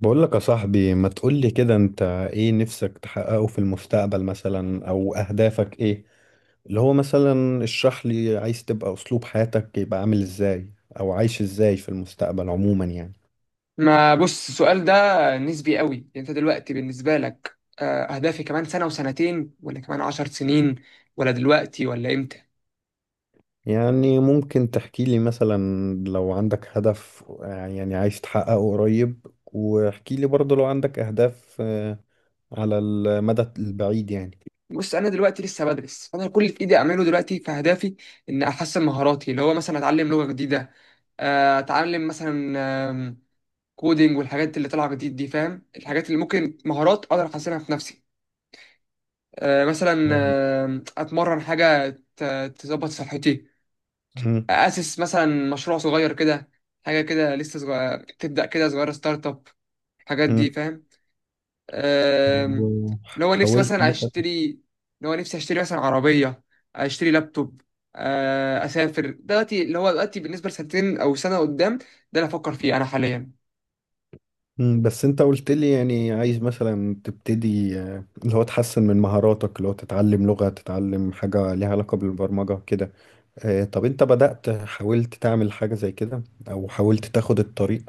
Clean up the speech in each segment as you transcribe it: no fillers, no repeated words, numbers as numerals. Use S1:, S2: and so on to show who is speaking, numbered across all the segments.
S1: بقول لك يا صاحبي، ما تقولي كده. انت ايه نفسك تحققه في المستقبل مثلا؟ او اهدافك ايه؟ اللي هو مثلا اشرح لي، عايز تبقى اسلوب حياتك يبقى عامل ازاي؟ او عايش ازاي في المستقبل عموما يعني
S2: ما بص السؤال ده نسبي قوي. انت دلوقتي بالنسبه لك، اهدافي كمان سنه وسنتين ولا كمان 10 سنين ولا دلوقتي ولا امتى؟
S1: يعني ممكن تحكي لي مثلا لو عندك هدف، يعني عايز تحققه قريب. واحكي لي برضه لو عندك اهداف على المدى البعيد يعني.
S2: بص، انا دلوقتي لسه بدرس. انا كل اللي في ايدي اعمله دلوقتي في اهدافي ان احسن مهاراتي، اللي هو مثلا اتعلم لغه جديده، اتعلم مثلا، آم، كودينج والحاجات اللي طالعه جديد دي، فاهم؟ الحاجات اللي ممكن مهارات اقدر احسنها في نفسي، مثلا، اتمرن، حاجه ت- تظبط صحتي،
S1: مم.
S2: اسس مثلا مشروع صغير كده، حاجه كده لسه صغير، تبدا كده صغيره، ستارت اب، الحاجات دي،
S1: مم.
S2: فاهم؟ أم، اللي هو نفسي
S1: حاولت.
S2: مثلا اشتري، اللي هو نفسي اشتري مثلا عربيه، اشتري لابتوب، اسافر. دلوقتي اللي هو دلوقتي بالنسبه لسنتين او سنه قدام، ده اللي افكر فيه انا حاليا.
S1: بس انت قلت لي يعني عايز مثلا تبتدي، اللي هو تحسن من مهاراتك، اللي هو تتعلم لغة، تتعلم حاجة ليها علاقة بالبرمجة كده. طب انت بدأت، حاولت تعمل حاجة زي كده او حاولت تاخد الطريق؟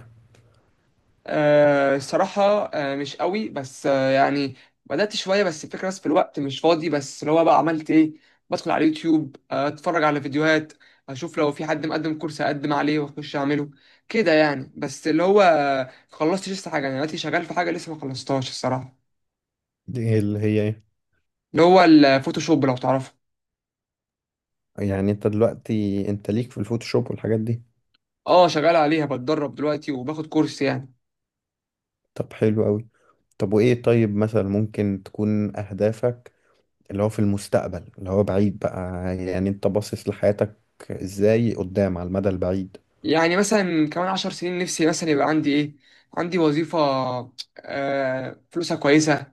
S2: الصراحة مش قوي، بس يعني بدأت شوية، بس الفكرة بس في الوقت مش فاضي. بس اللي هو بقى عملت إيه، بدخل على اليوتيوب، أتفرج على فيديوهات، أشوف لو في حد مقدم كورس أقدم عليه وأخش أعمله، كده يعني. بس اللي هو خلصتش لسه حاجة، أنا دلوقتي شغال في حاجة لسه ما خلصتهاش الصراحة.
S1: دي اللي هي ايه؟
S2: اللي هو الفوتوشوب، لو تعرفه.
S1: يعني انت دلوقتي انت ليك في الفوتوشوب والحاجات دي؟
S2: أه، شغال عليها، بتدرب دلوقتي وباخد كورس يعني.
S1: طب حلو قوي. طب وايه، طيب مثلا ممكن تكون اهدافك اللي هو في المستقبل، اللي هو بعيد بقى؟ يعني انت باصص لحياتك ازاي قدام على المدى البعيد؟
S2: يعني مثلا كمان 10 سنين نفسي مثلا يبقى عندي إيه، عندي وظيفة، آه، فلوسها كويسة،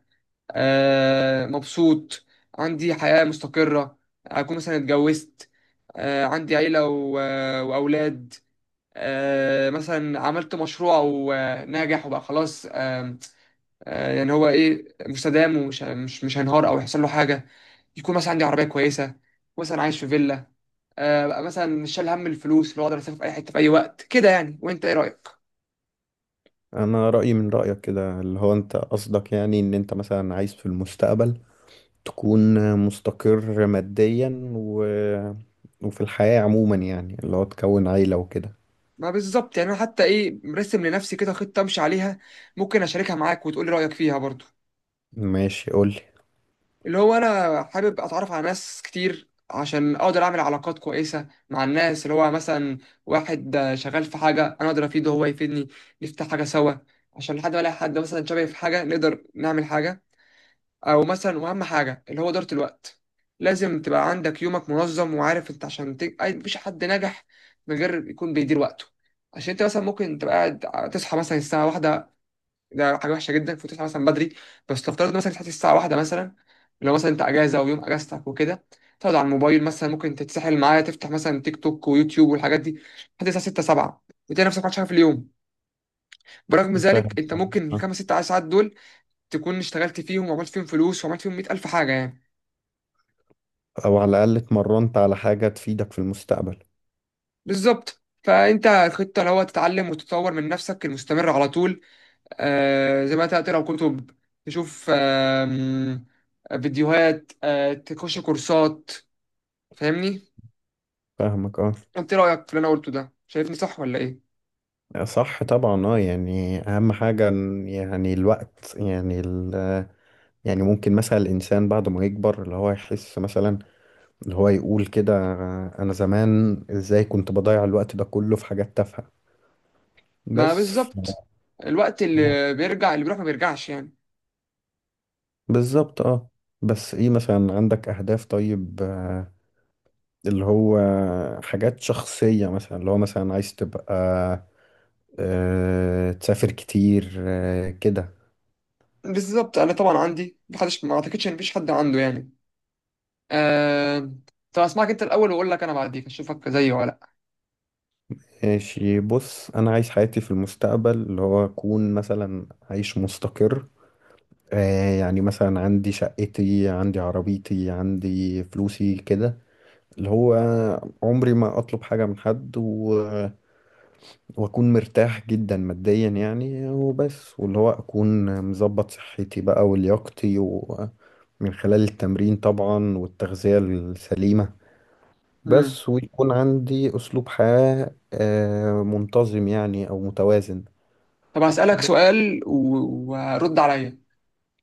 S2: مبسوط، عندي حياة مستقرة، أكون مثلا اتجوزت، عندي عيلة وأولاد، مثلا عملت مشروع وناجح وبقى خلاص. آم، آه، يعني هو إيه، مستدام ومش مش مش هينهار أو يحصل له حاجة. يكون مثلا عندي عربية كويسة، مثلا عايش في فيلا، بقى مثلا مش شايل هم الفلوس، اللي هو أقدر أسافر في أي حتة في أي وقت كده يعني. وأنت إيه رأيك؟
S1: انا رايي من رايك كده، اللي هو انت قصدك يعني ان انت مثلا عايز في المستقبل تكون مستقر ماديا، وفي الحياه عموما يعني، اللي هو تكون عيله وكده.
S2: ما بالظبط، يعني أنا حتى إيه مرسم لنفسي كده خطة أمشي عليها. ممكن أشاركها معاك وتقولي رأيك فيها برضو.
S1: ماشي، قول لي.
S2: اللي هو انا حابب اتعرف على ناس كتير عشان اقدر اعمل علاقات كويسه مع الناس، اللي هو مثلا واحد شغال في حاجه انا اقدر افيده هو يفيدني، نفتح حاجه سوا، عشان لحد ما الاقي حد مثلا شبهي في حاجه نقدر نعمل حاجه. او مثلا واهم حاجه اللي هو اداره الوقت. لازم تبقى عندك يومك منظم وعارف انت عشان مفيش حد نجح من غير يكون بيدير وقته. عشان انت مثلا ممكن تبقى قاعد تصحى مثلا الساعه واحدة، ده حاجه وحشه جدا، المفروض تصحى مثلا بدري. بس لو افترضنا مثلا تصحى الساعه واحدة مثلا، لو مثلا انت اجازه ويوم اجازتك وكده، تقعد على الموبايل، مثلا ممكن تتسحل معايا، تفتح مثلا تيك توك ويوتيوب والحاجات دي لحد الساعه 6 7، وتلاقي نفسك ما عملتش حاجه في اليوم. برغم ذلك
S1: فاهم.
S2: انت ممكن
S1: آه.
S2: الـ 5 6 ساعات دول تكون اشتغلت فيهم وعملت فيهم فلوس وعملت فيهم 100 الف حاجه يعني.
S1: او على الاقل اتمرنت على حاجه تفيدك في المستقبل.
S2: بالظبط، فانت الخطه اللي هو تتعلم وتطور من نفسك المستمر على طول، زي ما انت تقرا كتب، تشوف فيديوهات، تخش كورسات. فاهمني؟
S1: فاهمك اه.
S2: انت ايه رايك في اللي انا قلته ده، شايفني صح ولا ايه؟
S1: صح طبعا اه، يعني اهم حاجه، يعني الوقت، يعني يعني ممكن مثلا الانسان بعد ما يكبر اللي هو يحس مثلا، اللي هو يقول كده: انا زمان ازاي كنت بضيع الوقت ده كله في حاجات تافهة
S2: ما
S1: بس.
S2: بالظبط، الوقت اللي بيرجع اللي بيروح ما بيرجعش يعني.
S1: بالظبط اه. بس ايه، مثلا عندك اهداف طيب، اللي هو حاجات شخصية؟ مثلا اللي هو مثلا عايز تبقى، تسافر كتير كده؟
S2: بالظبط، انا طبعا عندي، محدش ما اعتقدش ان مفيش حد عنده يعني. آه... طب اسمعك انت الاول واقول لك انا بعديك، اشوفك زيي ولا لا.
S1: ماشي. بص، انا عايز حياتي في المستقبل اللي هو اكون مثلا عايش مستقر. يعني مثلا عندي شقتي، عندي عربيتي، عندي فلوسي كده، اللي هو عمري ما اطلب حاجة من حد، واكون مرتاح جدا ماديا يعني وبس، واللي هو اكون مظبط صحتي بقى ولياقتي، ومن خلال التمرين طبعا والتغذية السليمة.
S2: مم.
S1: بس ويكون عندي اسلوب حياة منتظم يعني او متوازن.
S2: طب هسالك
S1: ب-
S2: سؤال ورد عليا.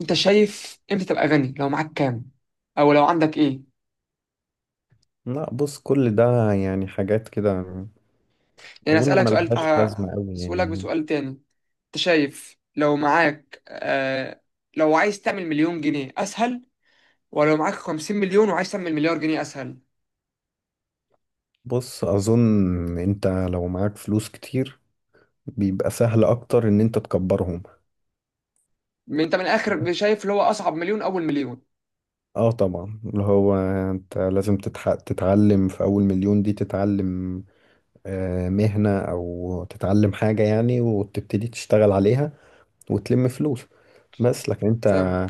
S2: انت شايف امتى تبقى غني، لو معاك كام او لو عندك ايه؟
S1: لا بص، كل ده يعني حاجات كده،
S2: يعني
S1: اظن
S2: اسالك سؤال،
S1: ملهاش لازمة قوي
S2: هسألك
S1: يعني.
S2: بسؤال تاني. انت شايف لو معاك، لو عايز تعمل 1 مليون جنيه اسهل، ولو معاك 50 مليون وعايز تعمل 1 مليار جنيه اسهل؟
S1: بص اظن انت لو معاك فلوس كتير بيبقى سهل اكتر ان انت تكبرهم.
S2: ما انت من الاخر شايف اللي هو اصعب 1 مليون اول 1 مليون.
S1: اه طبعا، اللي هو انت لازم تتعلم في اول مليون دي. تتعلم مهنة او تتعلم حاجة يعني، وتبتدي تشتغل عليها وتلم فلوس. بس لكن
S2: فاهم؟
S1: انت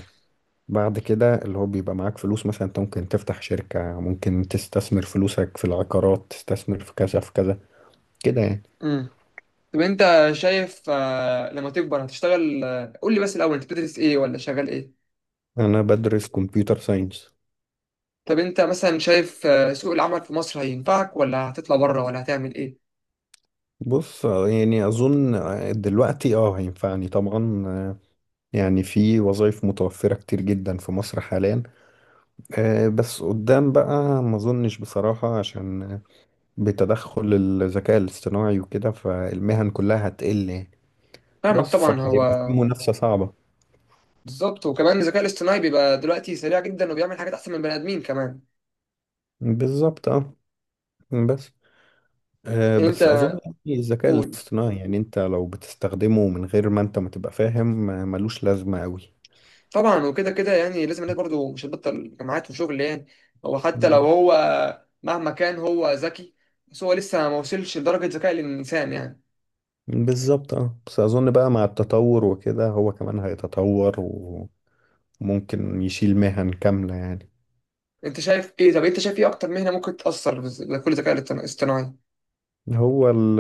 S1: بعد كده اللي هو بيبقى معاك فلوس، مثلا انت ممكن تفتح شركة، ممكن تستثمر فلوسك في العقارات، تستثمر في كذا في كذا كده يعني.
S2: امم، طب انت شايف لما تكبر هتشتغل قول لي بس الاول انت بتدرس ايه ولا شغال ايه؟
S1: انا بدرس كمبيوتر ساينس.
S2: طب انت مثلا شايف سوق العمل في مصر هينفعك ولا هتطلع بره ولا هتعمل ايه؟
S1: بص، يعني اظن دلوقتي اه هينفعني طبعا. يعني في وظائف متوفرة كتير جدا في مصر حاليا. بس قدام بقى ما اظنش بصراحة، عشان بتدخل الذكاء الاصطناعي وكده، فالمهن كلها هتقل يعني.
S2: فاهمك
S1: بس
S2: طبعا. هو
S1: فهيبقى في منافسة صعبة.
S2: بالظبط، وكمان الذكاء الاصطناعي بيبقى دلوقتي سريع جدا وبيعمل حاجات احسن من البني ادمين كمان.
S1: بالظبط اه. بس آه،
S2: يعني انت
S1: بس اظن يعني الذكاء
S2: قول.
S1: الاصطناعي، يعني انت لو بتستخدمه من غير ما انت ما تبقى فاهم، ملوش لازمة قوي.
S2: طبعا، وكده كده يعني لازم الناس برضه مش هتبطل جامعات وشغل يعني. هو حتى لو
S1: ب-
S2: هو مهما كان هو ذكي، بس هو لسه ما وصلش لدرجة ذكاء الإنسان يعني.
S1: بالظبط اه. بس اظن بقى مع التطور وكده، هو كمان هيتطور وممكن يشيل مهن كاملة يعني.
S2: أنت شايف إيه؟ طب أنت شايف إيه أكتر مهنة ممكن تأثر بكل الذكاء الاصطناعي؟
S1: هو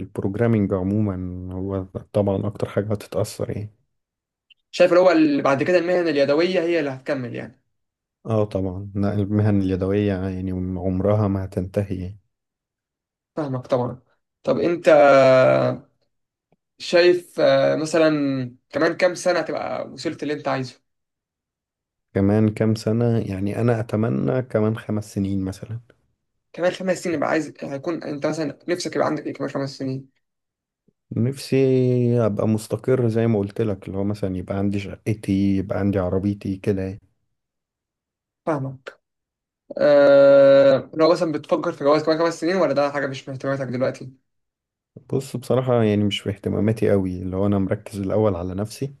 S1: البروجرامينج عموما، هو طبعا اكتر حاجة هتتأثر يعني.
S2: شايف اللي هو اللي بعد كده المهن اليدوية هي اللي هتكمل يعني.
S1: اه طبعا، لا المهن اليدوية يعني عمرها ما هتنتهي يعني.
S2: فاهمك طبعا. طب أنت شايف مثلا كمان كام سنة تبقى وصلت اللي أنت عايزه؟
S1: كمان كام سنة؟ يعني انا اتمنى كمان 5 سنين مثلا.
S2: كمان 5 سنين، يبقى عايز هيكون أنت مثلا نفسك يبقى عندك إيه كمان 5 سنين؟
S1: نفسي ابقى مستقر زي ما قلت لك، اللي هو مثلا يبقى عندي شقتي، يبقى عندي عربيتي كده يعني.
S2: فاهمك. آه، لو مثلا بتفكر في جواز كمان 5 سنين ولا ده حاجة مش من اهتماماتك دلوقتي؟
S1: بص بصراحة يعني مش في اهتماماتي قوي، اللي هو انا مركز الاول على نفسي.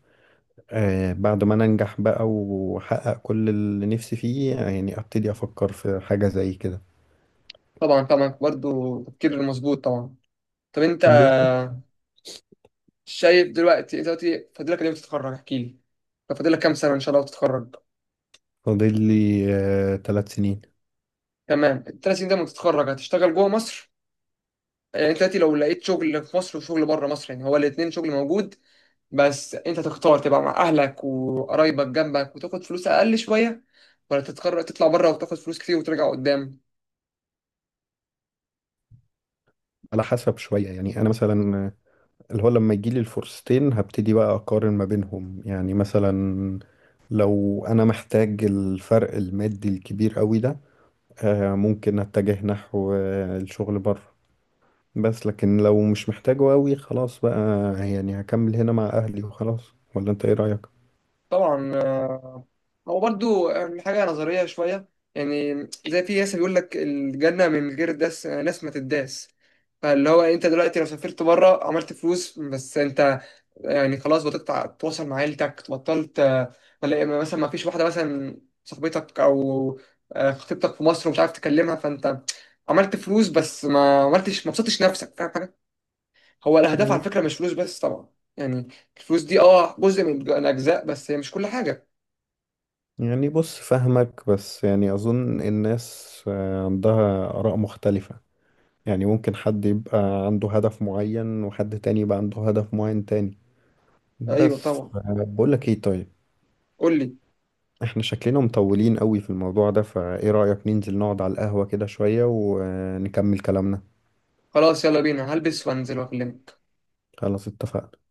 S1: آه، بعد ما انا انجح بقى واحقق كل اللي نفسي فيه يعني، ابتدي افكر في حاجة زي كده.
S2: طبعا طبعا، برضه تفكير مظبوط طبعا. طب أنت
S1: بالظبط.
S2: شايف دلوقتي، أنت دلوقتي فاضلك قد إيه وتتخرج، احكي لي. طب فاضلك كام سنة إن شاء الله وتتخرج؟
S1: فاضل لي 3 سنين.
S2: تمام، الـ 3 سنين ده لما تتخرج هتشتغل جوه مصر، يعني أنت دلوقتي لو لقيت شغل في مصر وشغل بره مصر، يعني هو الاتنين شغل موجود. بس أنت تختار تبقى مع أهلك وقرايبك جنبك وتاخد فلوس أقل شوية، ولا تتخرج تطلع بره وتاخد فلوس كتير وترجع قدام؟
S1: على حسب، شوية يعني. أنا مثلا اللي هو لما يجي لي الفرصتين، هبتدي بقى أقارن ما بينهم يعني. مثلا لو أنا محتاج الفرق المادي الكبير قوي ده، ممكن أتجه نحو الشغل بره. بس لكن لو مش محتاجه قوي، خلاص بقى، يعني هكمل هنا مع أهلي وخلاص. ولا أنت إيه رأيك؟
S2: طبعا، هو برضو حاجة نظرية شوية يعني. زي في ناس بيقول لك الجنة من غير داس ناس ما تداس. فاللي هو انت دلوقتي لو سافرت بره عملت فلوس، بس انت يعني خلاص بطلت تتواصل مع عيلتك، بطلت تلاقي مثلا ما فيش واحدة مثلا صاحبتك او خطيبتك في مصر ومش عارف تكلمها. فانت عملت فلوس بس ما عملتش، ما بسطتش نفسك، فاهم حاجة؟ هو الأهداف على فكرة مش فلوس بس طبعا يعني. الفلوس دي اه جزء من الأجزاء، بس هي مش كل حاجة.
S1: يعني بص فاهمك، بس يعني أظن الناس عندها آراء مختلفة. يعني ممكن حد يبقى عنده هدف معين وحد تاني يبقى عنده هدف معين تاني.
S2: أيوه
S1: بس
S2: طبعا،
S1: بقول لك ايه طيب،
S2: قول لي.
S1: احنا شكلنا مطولين قوي في الموضوع ده، فايه رأيك ننزل نقعد على القهوة كده شوية ونكمل كلامنا؟
S2: خلاص يلا بينا، هلبس وانزل واكلمك.
S1: خلاص اتفقنا.